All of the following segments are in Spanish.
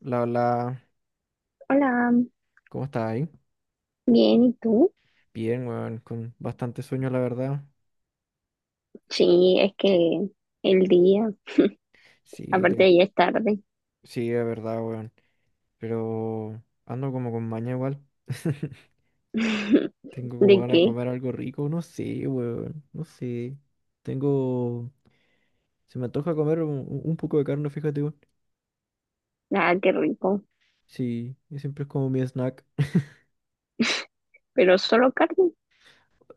La, la, Hola, ¿Cómo estás ahí? bien, ¿y tú? Bien, weón, con bastante sueño, la verdad. Sí, es que el día, Sí, aparte ya es tarde. sí, es verdad, weón. Pero ando como con maña igual. Tengo como ¿De ganas de qué? comer algo rico, no sé, weón, no sé. Tengo, Se me antoja comer un poco de carne, fíjate, weón. Ah, qué rico. Sí, y siempre es como mi snack. Pero solo carne.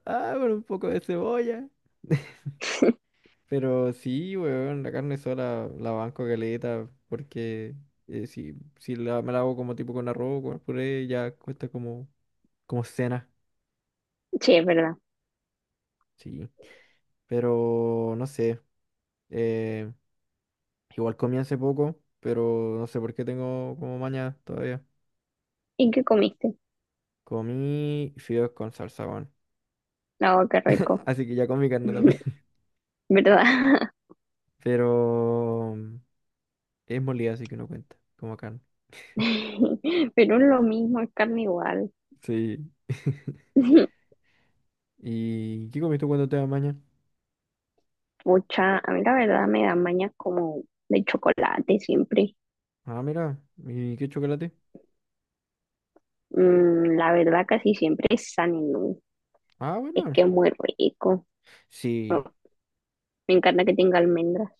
Ah, pero un poco de cebolla. Pero sí, weón, la carne sola la banco caleta, porque si me la hago como tipo con arroz, con puré, ya cuesta como cena, Sí, es verdad. sí. Pero no sé, eh, igual comí hace poco, pero no sé por qué tengo como maña todavía. ¿Y qué comiste? Comí fideos con salsa, weón. Ah, qué rico. Así que ya comí carne también. ¿Verdad? Pero es molida, así que no cuenta, como carne. Pero es lo mismo, es carne igual. Sí. ¿Y qué comiste cuando te da maña? Pucha, a mí la verdad me dan mañas como de chocolate siempre. Ah, mira, ¿y qué chocolate? La verdad casi siempre es San Inú. Ah, Es que bueno. es muy rico. Oh, Sí, me encanta que tenga almendras.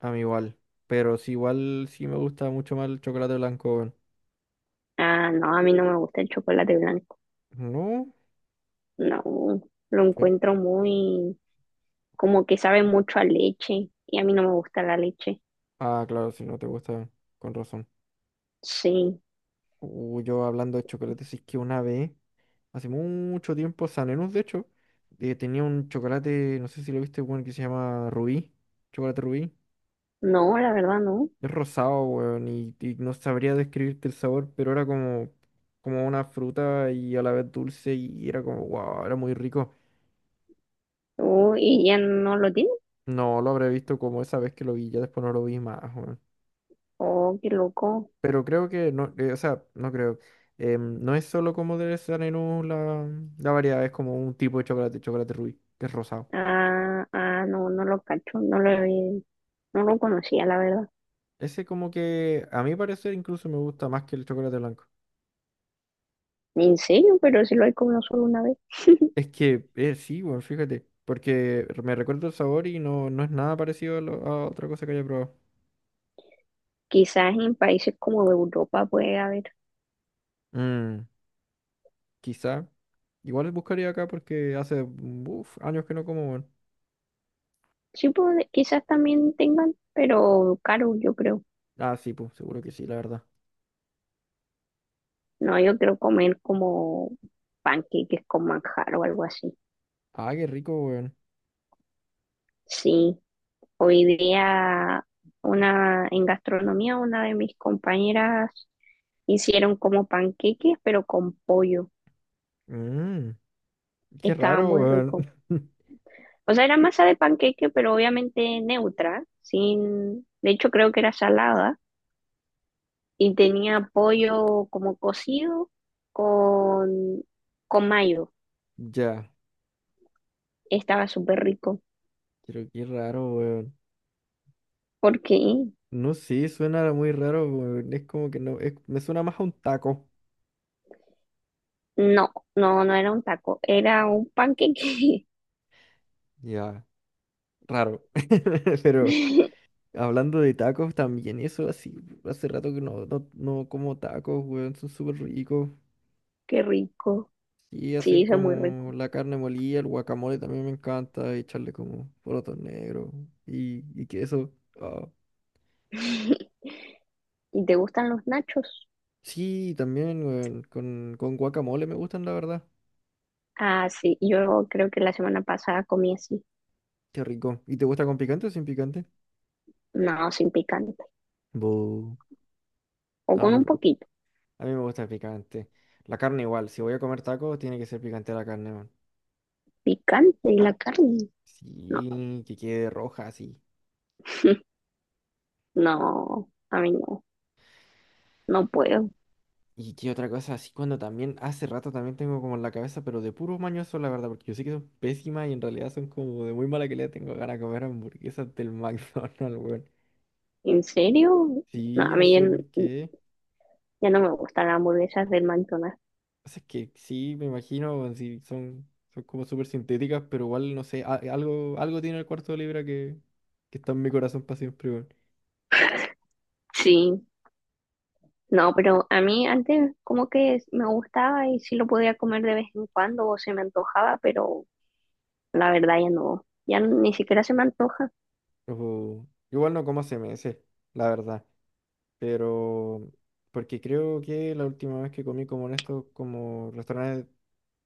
a mí igual. Pero sí, igual sí me gusta mucho más el chocolate blanco, weón. Ah, no, a mí no me gusta el chocolate blanco. No. No, lo pero- encuentro muy, como que sabe mucho a leche y a mí no me gusta la leche. Ah, claro, si no te gusta, con razón. Sí, Yo hablando de chocolate, sí que una vez, hace mucho tiempo, San Enús, de hecho, tenía un chocolate, no sé si lo viste, weón, que se llama Rubí. Chocolate Rubí. no, la verdad no. Es rosado, weón, y no sabría describirte el sabor, pero era como una fruta y a la vez dulce y era como, wow, era muy rico. Oh, ¿y ya no lo tiene? No lo habré visto como esa vez que lo vi, ya después no lo vi más, weón. Oh, qué loco. Pero creo que no, o sea, no creo. No es solo como de Sanenú la variedad, es como un tipo de chocolate, chocolate rubí, que es rosado. Ah, ah, no, no lo cacho, no lo, no lo conocía, la verdad. Ese como que a mi parecer incluso me gusta más que el chocolate blanco. En serio, pero sí lo he comido solo una vez. Es que sí, weón, fíjate, porque me recuerdo el sabor y no es nada parecido a otra cosa que haya probado. Quizás en países como de Europa puede haber. Mm, Quizá. Igual buscaría acá porque hace uf, años que no como, weón. Sí, puede, quizás también tengan, pero caro, yo creo. Ah, sí, pues, seguro que sí, la verdad. No, yo quiero comer como panqueques con manjar o algo así. Ah, qué rico, weón. Sí, hoy día una en gastronomía una de mis compañeras hicieron como panqueques pero con pollo. Mm, Qué Estaba raro, muy rico. weón. O sea, era masa de panqueque, pero obviamente neutra, sin, de hecho creo que era salada y tenía pollo como cocido con con mayo. Ya, Estaba súper rico. pero qué raro, weón. ¿Por qué? No sé, suena muy raro, weón. Es como que no, me suena más a un taco. No, no, no era un taco, era un panqueque. Ya, raro. Pero hablando de tacos también, eso así, hace rato que no como tacos, weón. Son súper ricos. Qué rico. Y Sí, hacer eso es muy rico. como la carne molida, el guacamole también me encanta. Y echarle como porotos negros y queso. Ah. ¿Y te gustan los nachos? Sí, también, weón. Con guacamole me gustan, la verdad. Ah, sí, yo creo que la semana pasada comí así. Qué rico. ¿Y te gusta con picante o sin picante? No, sin picante. Bu. O No, a con mí, un poquito. a mí me gusta el picante. La carne igual. Si voy a comer tacos, tiene que ser picante la carne, man. Picante y la carne. No, Sí, que quede roja así. no, a mí no, no puedo. ¿Y qué otra cosa? Así cuando también, hace rato también tengo como en la cabeza, pero de puros mañoso, la verdad, porque yo sé que son pésimas y en realidad son como de muy mala calidad. Tengo ganas de comer hamburguesas del McDonald's, weón. ¿En serio? No, Sí, a no mí ya, sé por qué. ya no me gustan las hamburguesas del McDonald's. Pasa. Es que sí, me imagino, si son como súper sintéticas, pero igual, no sé, algo tiene el cuarto de libra que está en mi corazón para siempre, weón. Sí, no, pero a mí antes como que me gustaba y sí lo podía comer de vez en cuando o se me antojaba, pero la verdad ya no, ya ni siquiera se me antoja. Ojo, igual no como CMS, la verdad, pero porque creo que la última vez que comí como en estos como restaurantes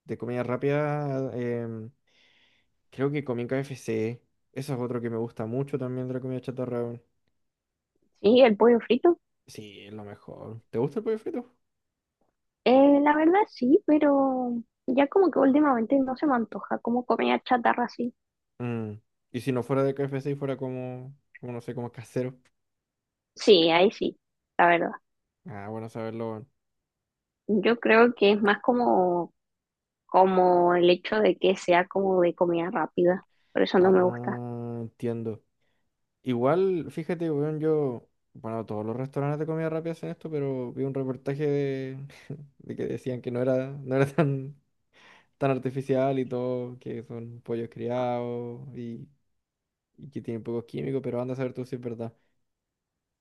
de comida rápida, creo que comí en KFC. Eso es otro que me gusta mucho también de la comida chatarra, weón. Sí, el pollo frito, Sí, es lo mejor. ¿Te gusta el pollo frito? La verdad sí, pero ya como que últimamente no se me antoja como comida chatarra así. Mm. Y si no fuera de KFC y fuera como no sé, como casero. Sí, ahí sí, la verdad. Ah, bueno saberlo, weón. Yo creo que es más como, como el hecho de que sea como de comida rápida, por eso no Ah, me gusta. ah, entiendo. Igual, fíjate, weón, yo. Bueno, todos los restaurantes de comida rápida hacen esto, pero vi un reportaje de, de que decían que no era tan artificial y todo, que son pollos criados y que tienen pocos químicos, pero anda a saber tú si es verdad.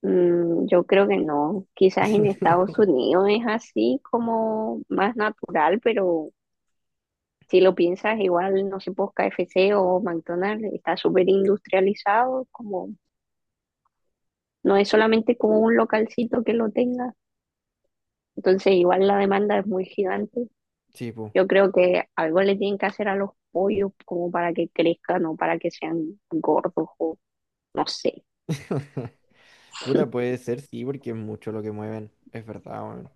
Yo creo que no. Quizás en Estados Unidos es así como más natural, pero si lo piensas, igual, no sé, pues KFC o McDonald's está súper industrializado, como no es solamente como un localcito que lo tenga. Entonces, igual la demanda es muy gigante. Sí, po. Yo creo que algo le tienen que hacer a los pollos como para que crezcan o para que sean gordos o no sé. Puta, puede ser, sí, porque es mucho lo que mueven. Es verdad, weón.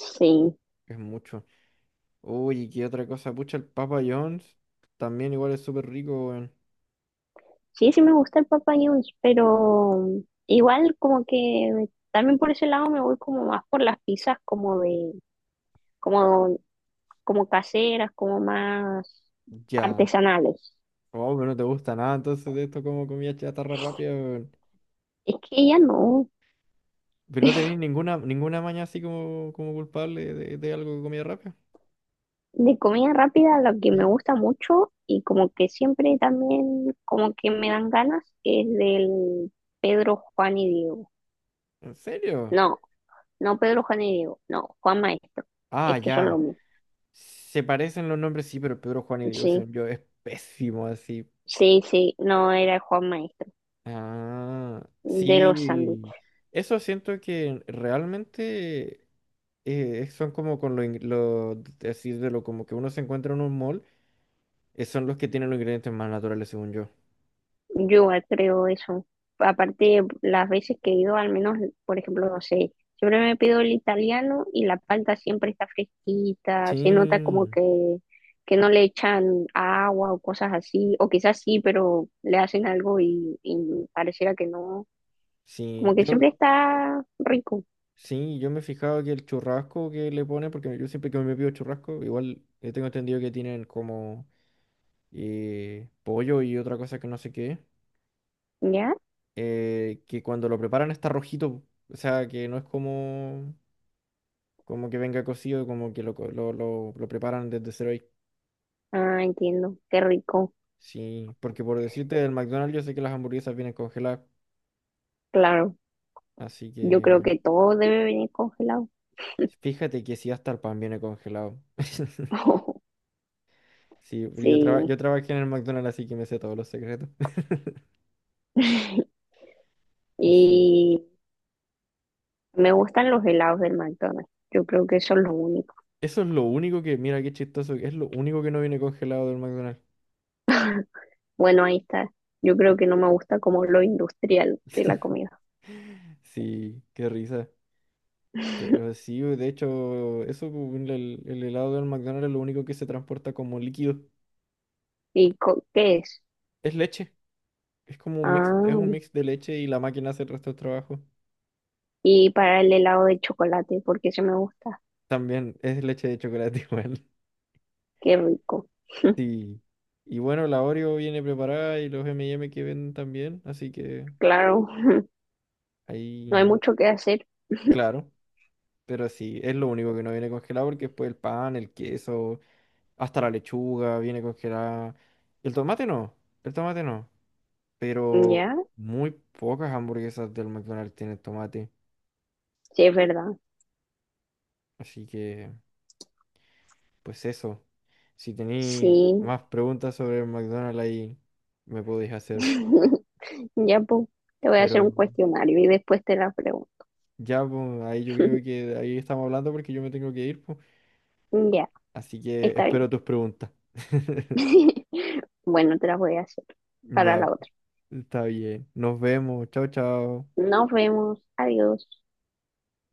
Sí. Es mucho. Uy, ¿y qué otra cosa? Pucha, el Papa John's también igual es súper rico, weón. Sí, sí me gusta el Papa John's, pero igual como que también por ese lado me voy como más por las pizzas como de, como, como caseras, como más Ya. artesanales. Oh, pero no te gusta nada entonces de esto como comida chatarra rápida, weón. Es que ya no, Pero no tenéis ninguna maña así como culpable de algo de comida rápida. de comida rápida lo que me ¿Sí? gusta mucho y como que siempre también como que me dan ganas es del Pedro, Juan y Diego. ¿En serio? No, no Pedro, Juan y Diego, no, Juan Maestro. Es Ah, que son lo ya. mismo. Se parecen los nombres, sí, pero Pedro Juan y Diego, Sí, según yo, es pésimo así. sí, sí, no era Juan Maestro. Ah, De los sándwiches. sí. Eso siento que realmente. Son como con así de lo como que uno se encuentra en un mall, son los que tienen los ingredientes más naturales, según yo. Yo igual creo eso. Aparte, las veces que he ido, al menos, por ejemplo, no sé, siempre me pido el italiano y la palta siempre está fresquita, se nota como Sí, que no le echan agua o cosas así, o quizás sí, pero le hacen algo y pareciera que no, sí, como que yo, siempre está rico, sí, yo me he fijado que el churrasco que le ponen, porque yo siempre que me pido churrasco, igual tengo entendido que tienen como pollo y otra cosa que no sé qué, ¿ya? Que cuando lo preparan está rojito, o sea, que no es como que venga cocido, como que lo, co- lo preparan desde cero ahí. Ah, entiendo, qué rico, Sí, porque por decirte del McDonald's, yo sé que las hamburguesas vienen congeladas. claro. Así Yo creo que que todo debe venir congelado. fíjate que si hasta el pan viene congelado. Sí, pero yo, traba- Sí, yo trabajé en el McDonald's, así que me sé todos los secretos. Y sí, y me gustan los helados del McDonald's. Yo creo que eso es lo único. eso es lo único que, mira qué chistoso, es lo único que no viene congelado del McDonald's. Bueno, ahí está. Yo creo que no me gusta como lo industrial de la comida. Sí, qué risa. Pero sí, de hecho, eso, el helado del McDonald's es lo único que se transporta como líquido. ¿Y co- qué es? Es leche. Es como un mix, es un Ah, mix de leche y la máquina hace el resto del trabajo. y para el helado de chocolate, porque ese me gusta. También es leche de chocolate igual. Qué rico. Sí. Y bueno, la Oreo viene preparada y los M&M que venden también, así que Claro, no hay ahí, mucho que hacer. claro, pero sí, es lo único que no viene congelado porque después el pan, el queso, hasta la lechuga viene congelada. El tomate no, el tomate no, pero Ya, muy pocas hamburguesas del McDonald's tienen tomate, sí, es verdad. así que pues eso. Si tenéis Sí. más preguntas sobre el McDonald's ahí me podéis hacer, Ya, pues, te voy a hacer pero un cuestionario y después te la pregunto. ya, pues, ahí yo creo que ahí estamos hablando porque yo me tengo que ir, pues. Ya, Así que está bien. espero tus preguntas. Bueno, te la voy a hacer para Ya, la otra. está bien. Nos vemos. Chao, chao. Nos vemos. Adiós.